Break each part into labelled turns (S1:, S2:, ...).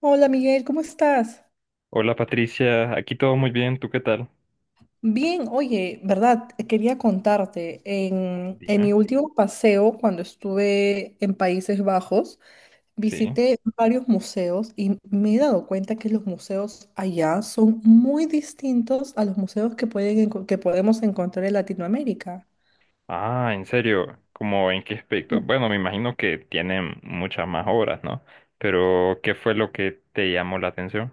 S1: Hola Miguel, ¿cómo estás?
S2: Hola Patricia, aquí todo muy bien, ¿tú qué tal?
S1: Bien, oye, verdad, quería contarte, en mi
S2: Dime.
S1: último paseo, cuando estuve en Países Bajos,
S2: Sí.
S1: visité varios museos y me he dado cuenta que los museos allá son muy distintos a los museos que que podemos encontrar en Latinoamérica.
S2: Ah, en serio, ¿cómo en qué aspecto? Bueno, me imagino que tienen muchas más obras, ¿no? Pero, ¿qué fue lo que te llamó la atención?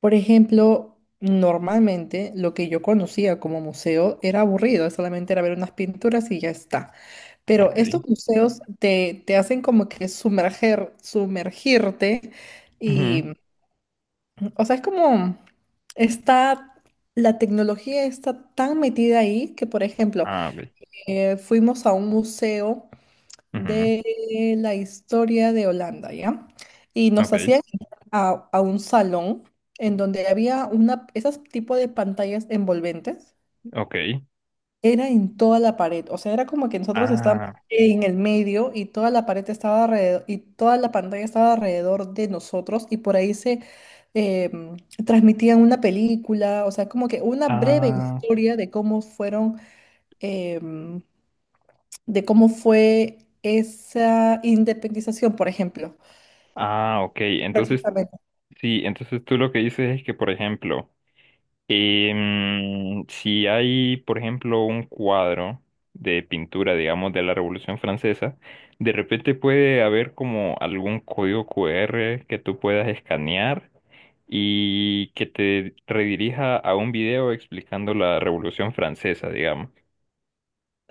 S1: Por ejemplo, normalmente lo que yo conocía como museo era aburrido, solamente era ver unas pinturas y ya está. Pero estos
S2: Ok.
S1: museos te hacen como que sumergirte y,
S2: Ujú.
S1: o sea, es como está, la tecnología está tan metida ahí que, por ejemplo,
S2: Ah, ok.
S1: fuimos a un museo
S2: Ujú.
S1: de la historia de Holanda, ¿ya? Y nos
S2: Ok,
S1: hacían entrar a un salón en donde había una, esas tipo de pantallas envolventes.
S2: ok.
S1: Era en toda la pared, o sea, era como que nosotros estábamos
S2: Ah,
S1: en el medio y toda la pared estaba alrededor, y toda la pantalla estaba alrededor de nosotros y por ahí se eh, transmitían una película, o sea, como que una breve
S2: ah,
S1: historia de cómo eh, de cómo fue esa independización, por ejemplo.
S2: ah, ok. Entonces,
S1: Exactamente.
S2: sí, entonces tú lo que dices es que, por ejemplo, si hay, por ejemplo, un cuadro de pintura, digamos, de la Revolución Francesa, de repente puede haber como algún código QR que tú puedas escanear y que te redirija a un video explicando la Revolución Francesa, digamos.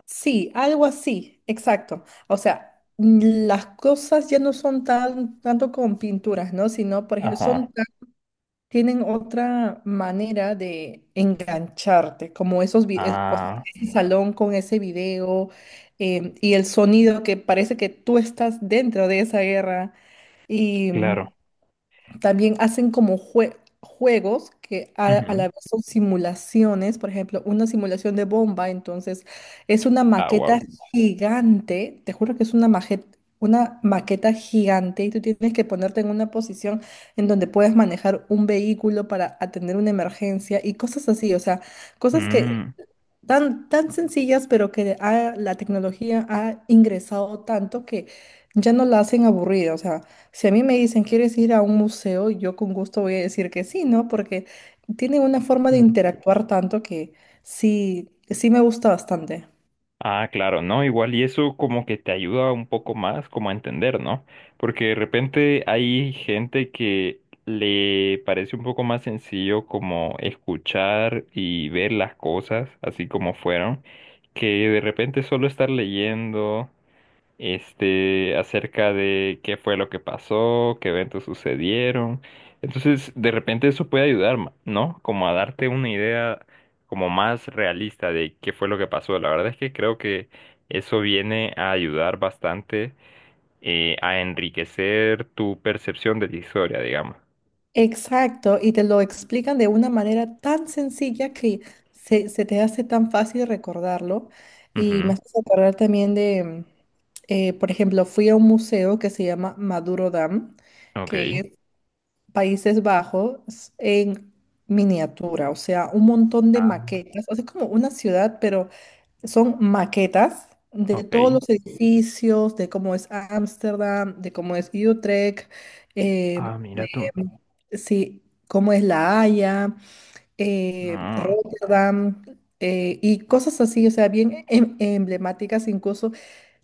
S1: Sí, algo así, exacto. O sea, las cosas ya no son tanto con pinturas, ¿no? Sino, por ejemplo,
S2: Ajá.
S1: son tienen otra manera de engancharte, como o sea,
S2: Ah,
S1: ese salón con ese video y el sonido que parece que tú estás dentro de esa guerra.
S2: claro.
S1: También hacen como juegos que a la
S2: Ujú.
S1: vez son simulaciones, por ejemplo, una simulación de bomba, entonces es una
S2: Ah,
S1: maqueta
S2: wow.
S1: gigante, te juro que es una maqueta gigante y tú tienes que ponerte en una posición en donde puedes manejar un vehículo para atender una emergencia y cosas así, o sea, cosas que tan sencillas, pero que la tecnología ha ingresado tanto que ya no la hacen aburrida. O sea, si a mí me dicen, ¿quieres ir a un museo? Yo con gusto voy a decir que sí, ¿no? Porque tiene una forma de interactuar tanto que sí me gusta bastante.
S2: Ah, claro, ¿no? Igual, y eso como que te ayuda un poco más como a entender, ¿no? Porque de repente hay gente que le parece un poco más sencillo como escuchar y ver las cosas así como fueron, que de repente solo estar leyendo este, acerca de qué fue lo que pasó, qué eventos sucedieron. Entonces, de repente eso puede ayudar, ¿no? Como a darte una idea como más realista de qué fue lo que pasó. La verdad es que creo que eso viene a ayudar bastante a enriquecer tu percepción de la historia, digamos.
S1: Exacto, y te lo explican de una manera tan sencilla que se te hace tan fácil recordarlo. Y me
S2: Ujú.
S1: hace acordar también por ejemplo, fui a un museo que se llama Maduro Dam,
S2: Ok.
S1: que Países Bajos en miniatura, o sea, un montón de
S2: Ah,
S1: maquetas, o sea, es como una ciudad, pero son maquetas de todos
S2: ok.
S1: los edificios, de cómo es Ámsterdam, de cómo es Utrecht,
S2: Ah,
S1: de
S2: mira tú.
S1: sí, cómo es La Haya,
S2: Ah,
S1: Rotterdam, y cosas así, o sea, bien emblemáticas, incluso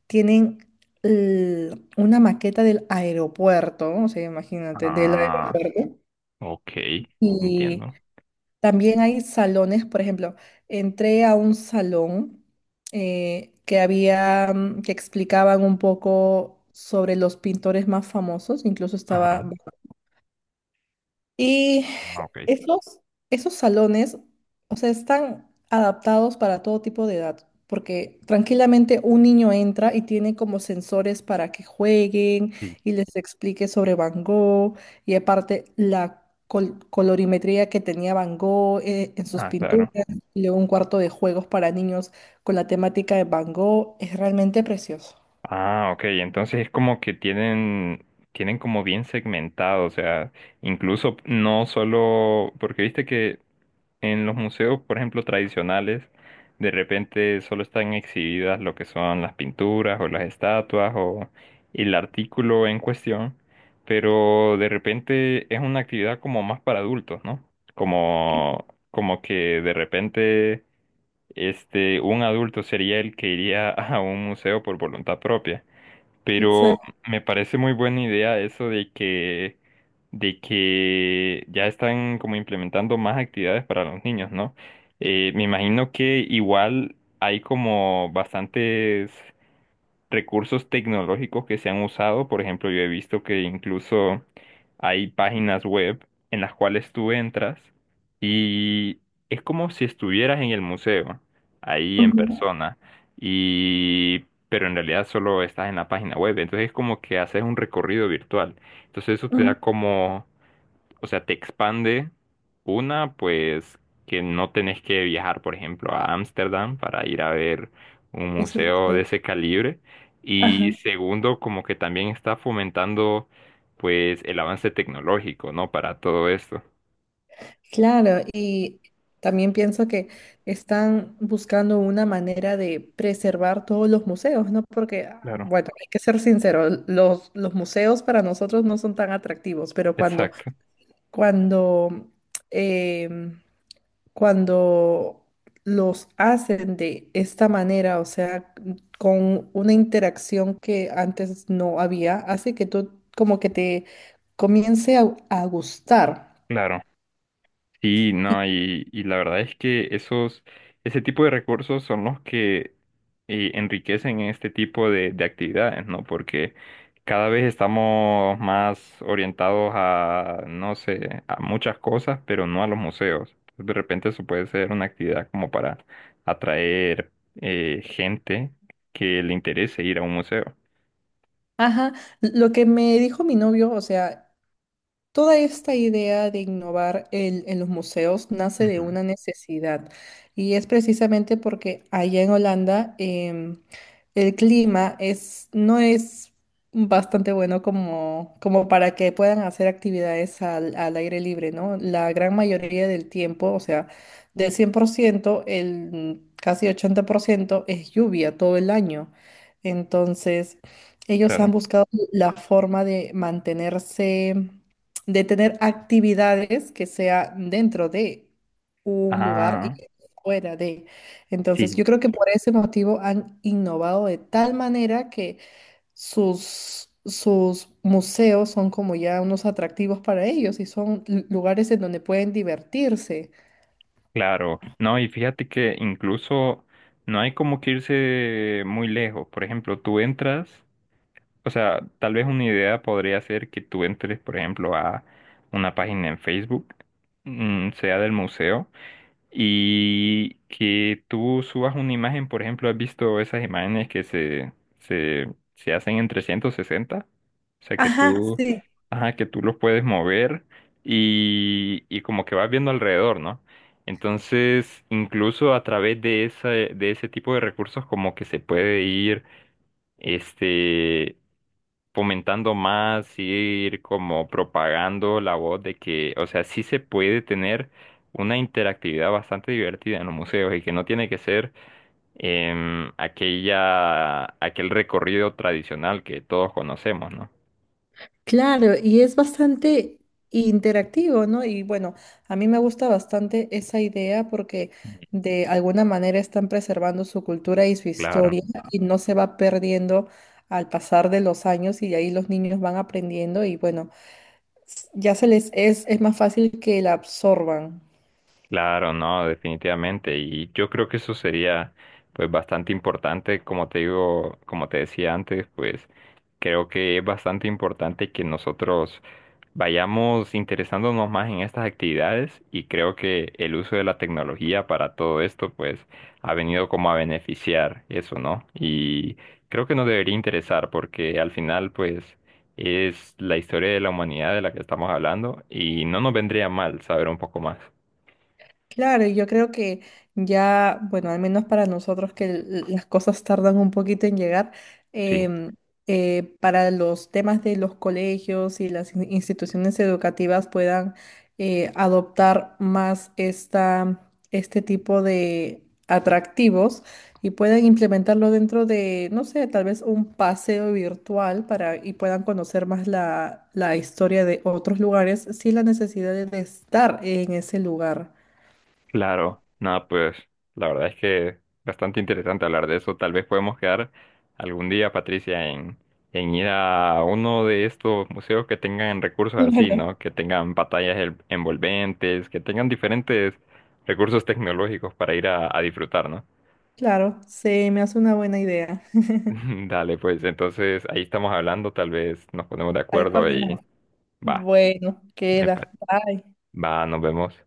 S1: tienen una maqueta del aeropuerto, o sea, imagínate, del
S2: ah,
S1: aeropuerto.
S2: ok.
S1: Y
S2: Entiendo.
S1: también hay salones, por ejemplo, entré a un salón que había, que explicaban un poco sobre los pintores más famosos, incluso
S2: Ajá,
S1: estaba... Y
S2: ah, ok.
S1: esos, esos salones, o sea, están adaptados para todo tipo de edad, porque tranquilamente un niño entra y tiene como sensores para que jueguen
S2: Sí.
S1: y les explique sobre Van Gogh y aparte la colorimetría que tenía Van Gogh en sus
S2: Ah, claro.
S1: pinturas y luego un cuarto de juegos para niños con la temática de Van Gogh es realmente precioso.
S2: Ah, ok, entonces es como que tienen, como bien segmentado, o sea, incluso no solo, porque viste que en los museos, por ejemplo, tradicionales, de repente solo están exhibidas lo que son las pinturas o las estatuas o el artículo en cuestión, pero de repente es una actividad como más para adultos, ¿no? Como, como que de repente este, un adulto sería el que iría a un museo por voluntad propia. Pero
S1: Exacto.
S2: me parece muy buena idea eso de que ya están como implementando más actividades para los niños, ¿no? Me imagino que igual hay como bastantes recursos tecnológicos que se han usado. Por ejemplo, yo he visto que incluso hay páginas web en las cuales tú entras y es como si estuvieras en el museo, ahí en
S1: Ujú,
S2: persona, y pero en realidad solo estás en la página web. Entonces es como que haces un recorrido virtual. Entonces eso te
S1: ujú.
S2: da como, o sea, te expande una, pues, que no tenés que viajar, por ejemplo, a Ámsterdam para ir a ver un
S1: Eso lo
S2: museo de
S1: creo.
S2: ese calibre. Y
S1: Ajá.
S2: segundo, como que también está fomentando, pues, el avance tecnológico, ¿no? Para todo esto.
S1: Claro, y también pienso que están buscando una manera de preservar todos los museos, ¿no? Porque, ah,
S2: Claro,
S1: bueno, hay que ser sincero, los museos para nosotros no son tan atractivos, pero
S2: exacto,
S1: cuando, em, cuando los hacen de esta manera, o sea, con una interacción que antes no había, hace que tú como que te comience a gustar.
S2: claro. Sí, no, y la verdad es que ese tipo de recursos son los que enriquecen este tipo de actividades, ¿no? Porque cada vez estamos más orientados a, no sé, a muchas cosas, pero no a los museos. Entonces, de repente eso puede ser una actividad como para atraer gente que le interese ir a un museo.
S1: Ajá, lo que me dijo mi novio, o sea, toda esta idea de innovar en los museos nace de
S2: Ujú.
S1: una necesidad y es precisamente porque allá en Holanda el clima es, no es bastante bueno como, como para que puedan hacer actividades al aire libre, ¿no? La gran mayoría del tiempo, o sea, del 100%, el casi 80% es lluvia todo el año. Entonces, ellos han
S2: Claro.
S1: buscado la forma de mantenerse de tener actividades que sea dentro de un lugar y
S2: Ah,
S1: fuera de. Entonces,
S2: sí.
S1: yo creo que por ese motivo han innovado de tal manera que sus museos son como ya unos atractivos para ellos y son lugares en donde pueden divertirse.
S2: Claro, no, y fíjate que incluso no hay como que irse muy lejos. Por ejemplo, tú entras, o sea, tal vez una idea podría ser que tú entres, por ejemplo, a una página en Facebook, sea del museo, y que tú subas una imagen, por ejemplo, ¿has visto esas imágenes que se, se hacen en 360? O sea, que
S1: Ajá,
S2: tú,
S1: sí.
S2: ajá, que tú los puedes mover y como que vas viendo alrededor, ¿no? Entonces, incluso a través de esa, de ese tipo de recursos, como que se puede ir, este, fomentando más, ir como propagando la voz de que, o sea, sí se puede tener una interactividad bastante divertida en los museos y que no tiene que ser aquella, aquel recorrido tradicional que todos conocemos, ¿no?
S1: Claro, y es bastante interactivo, ¿no? Y bueno, a mí me gusta bastante esa idea porque de alguna manera están preservando su cultura y su
S2: Claro,
S1: historia y no se va perdiendo al pasar de los años y de ahí los niños van aprendiendo y bueno, ya se les es más fácil que la absorban.
S2: claro, no, definitivamente. Y yo creo que eso sería pues bastante importante, como te digo, como te decía antes, pues creo que es bastante importante que nosotros vayamos interesándonos más en estas actividades y creo que el uso de la tecnología para todo esto pues ha venido como a beneficiar eso, ¿no? Y creo que nos debería interesar porque al final pues es la historia de la humanidad de la que estamos hablando y no nos vendría mal saber un poco más.
S1: Claro, y yo creo que ya, bueno, al menos para nosotros que las cosas tardan un poquito en llegar,
S2: Sí.
S1: em, para los temas de los colegios y las instituciones educativas puedan adoptar más este tipo de atractivos y puedan implementarlo dentro de, no sé, tal vez un paseo virtual para y puedan conocer más la historia de otros lugares sin la necesidad de estar en ese lugar.
S2: Claro, nada, pues la verdad es que bastante interesante hablar de eso. Tal vez podemos quedar algún día, Patricia, en ir a uno de estos museos que tengan recursos así,
S1: Claro,
S2: ¿no? Que tengan pantallas envolventes, que tengan diferentes recursos tecnológicos para ir a disfrutar, ¿no?
S1: claro, se me hace una buena idea.
S2: Dale, pues entonces ahí estamos hablando, tal vez nos ponemos de
S1: Ahí
S2: acuerdo y
S1: coordinamos.
S2: va,
S1: Bueno,
S2: me pa-
S1: queda. Bye.
S2: va, nos vemos.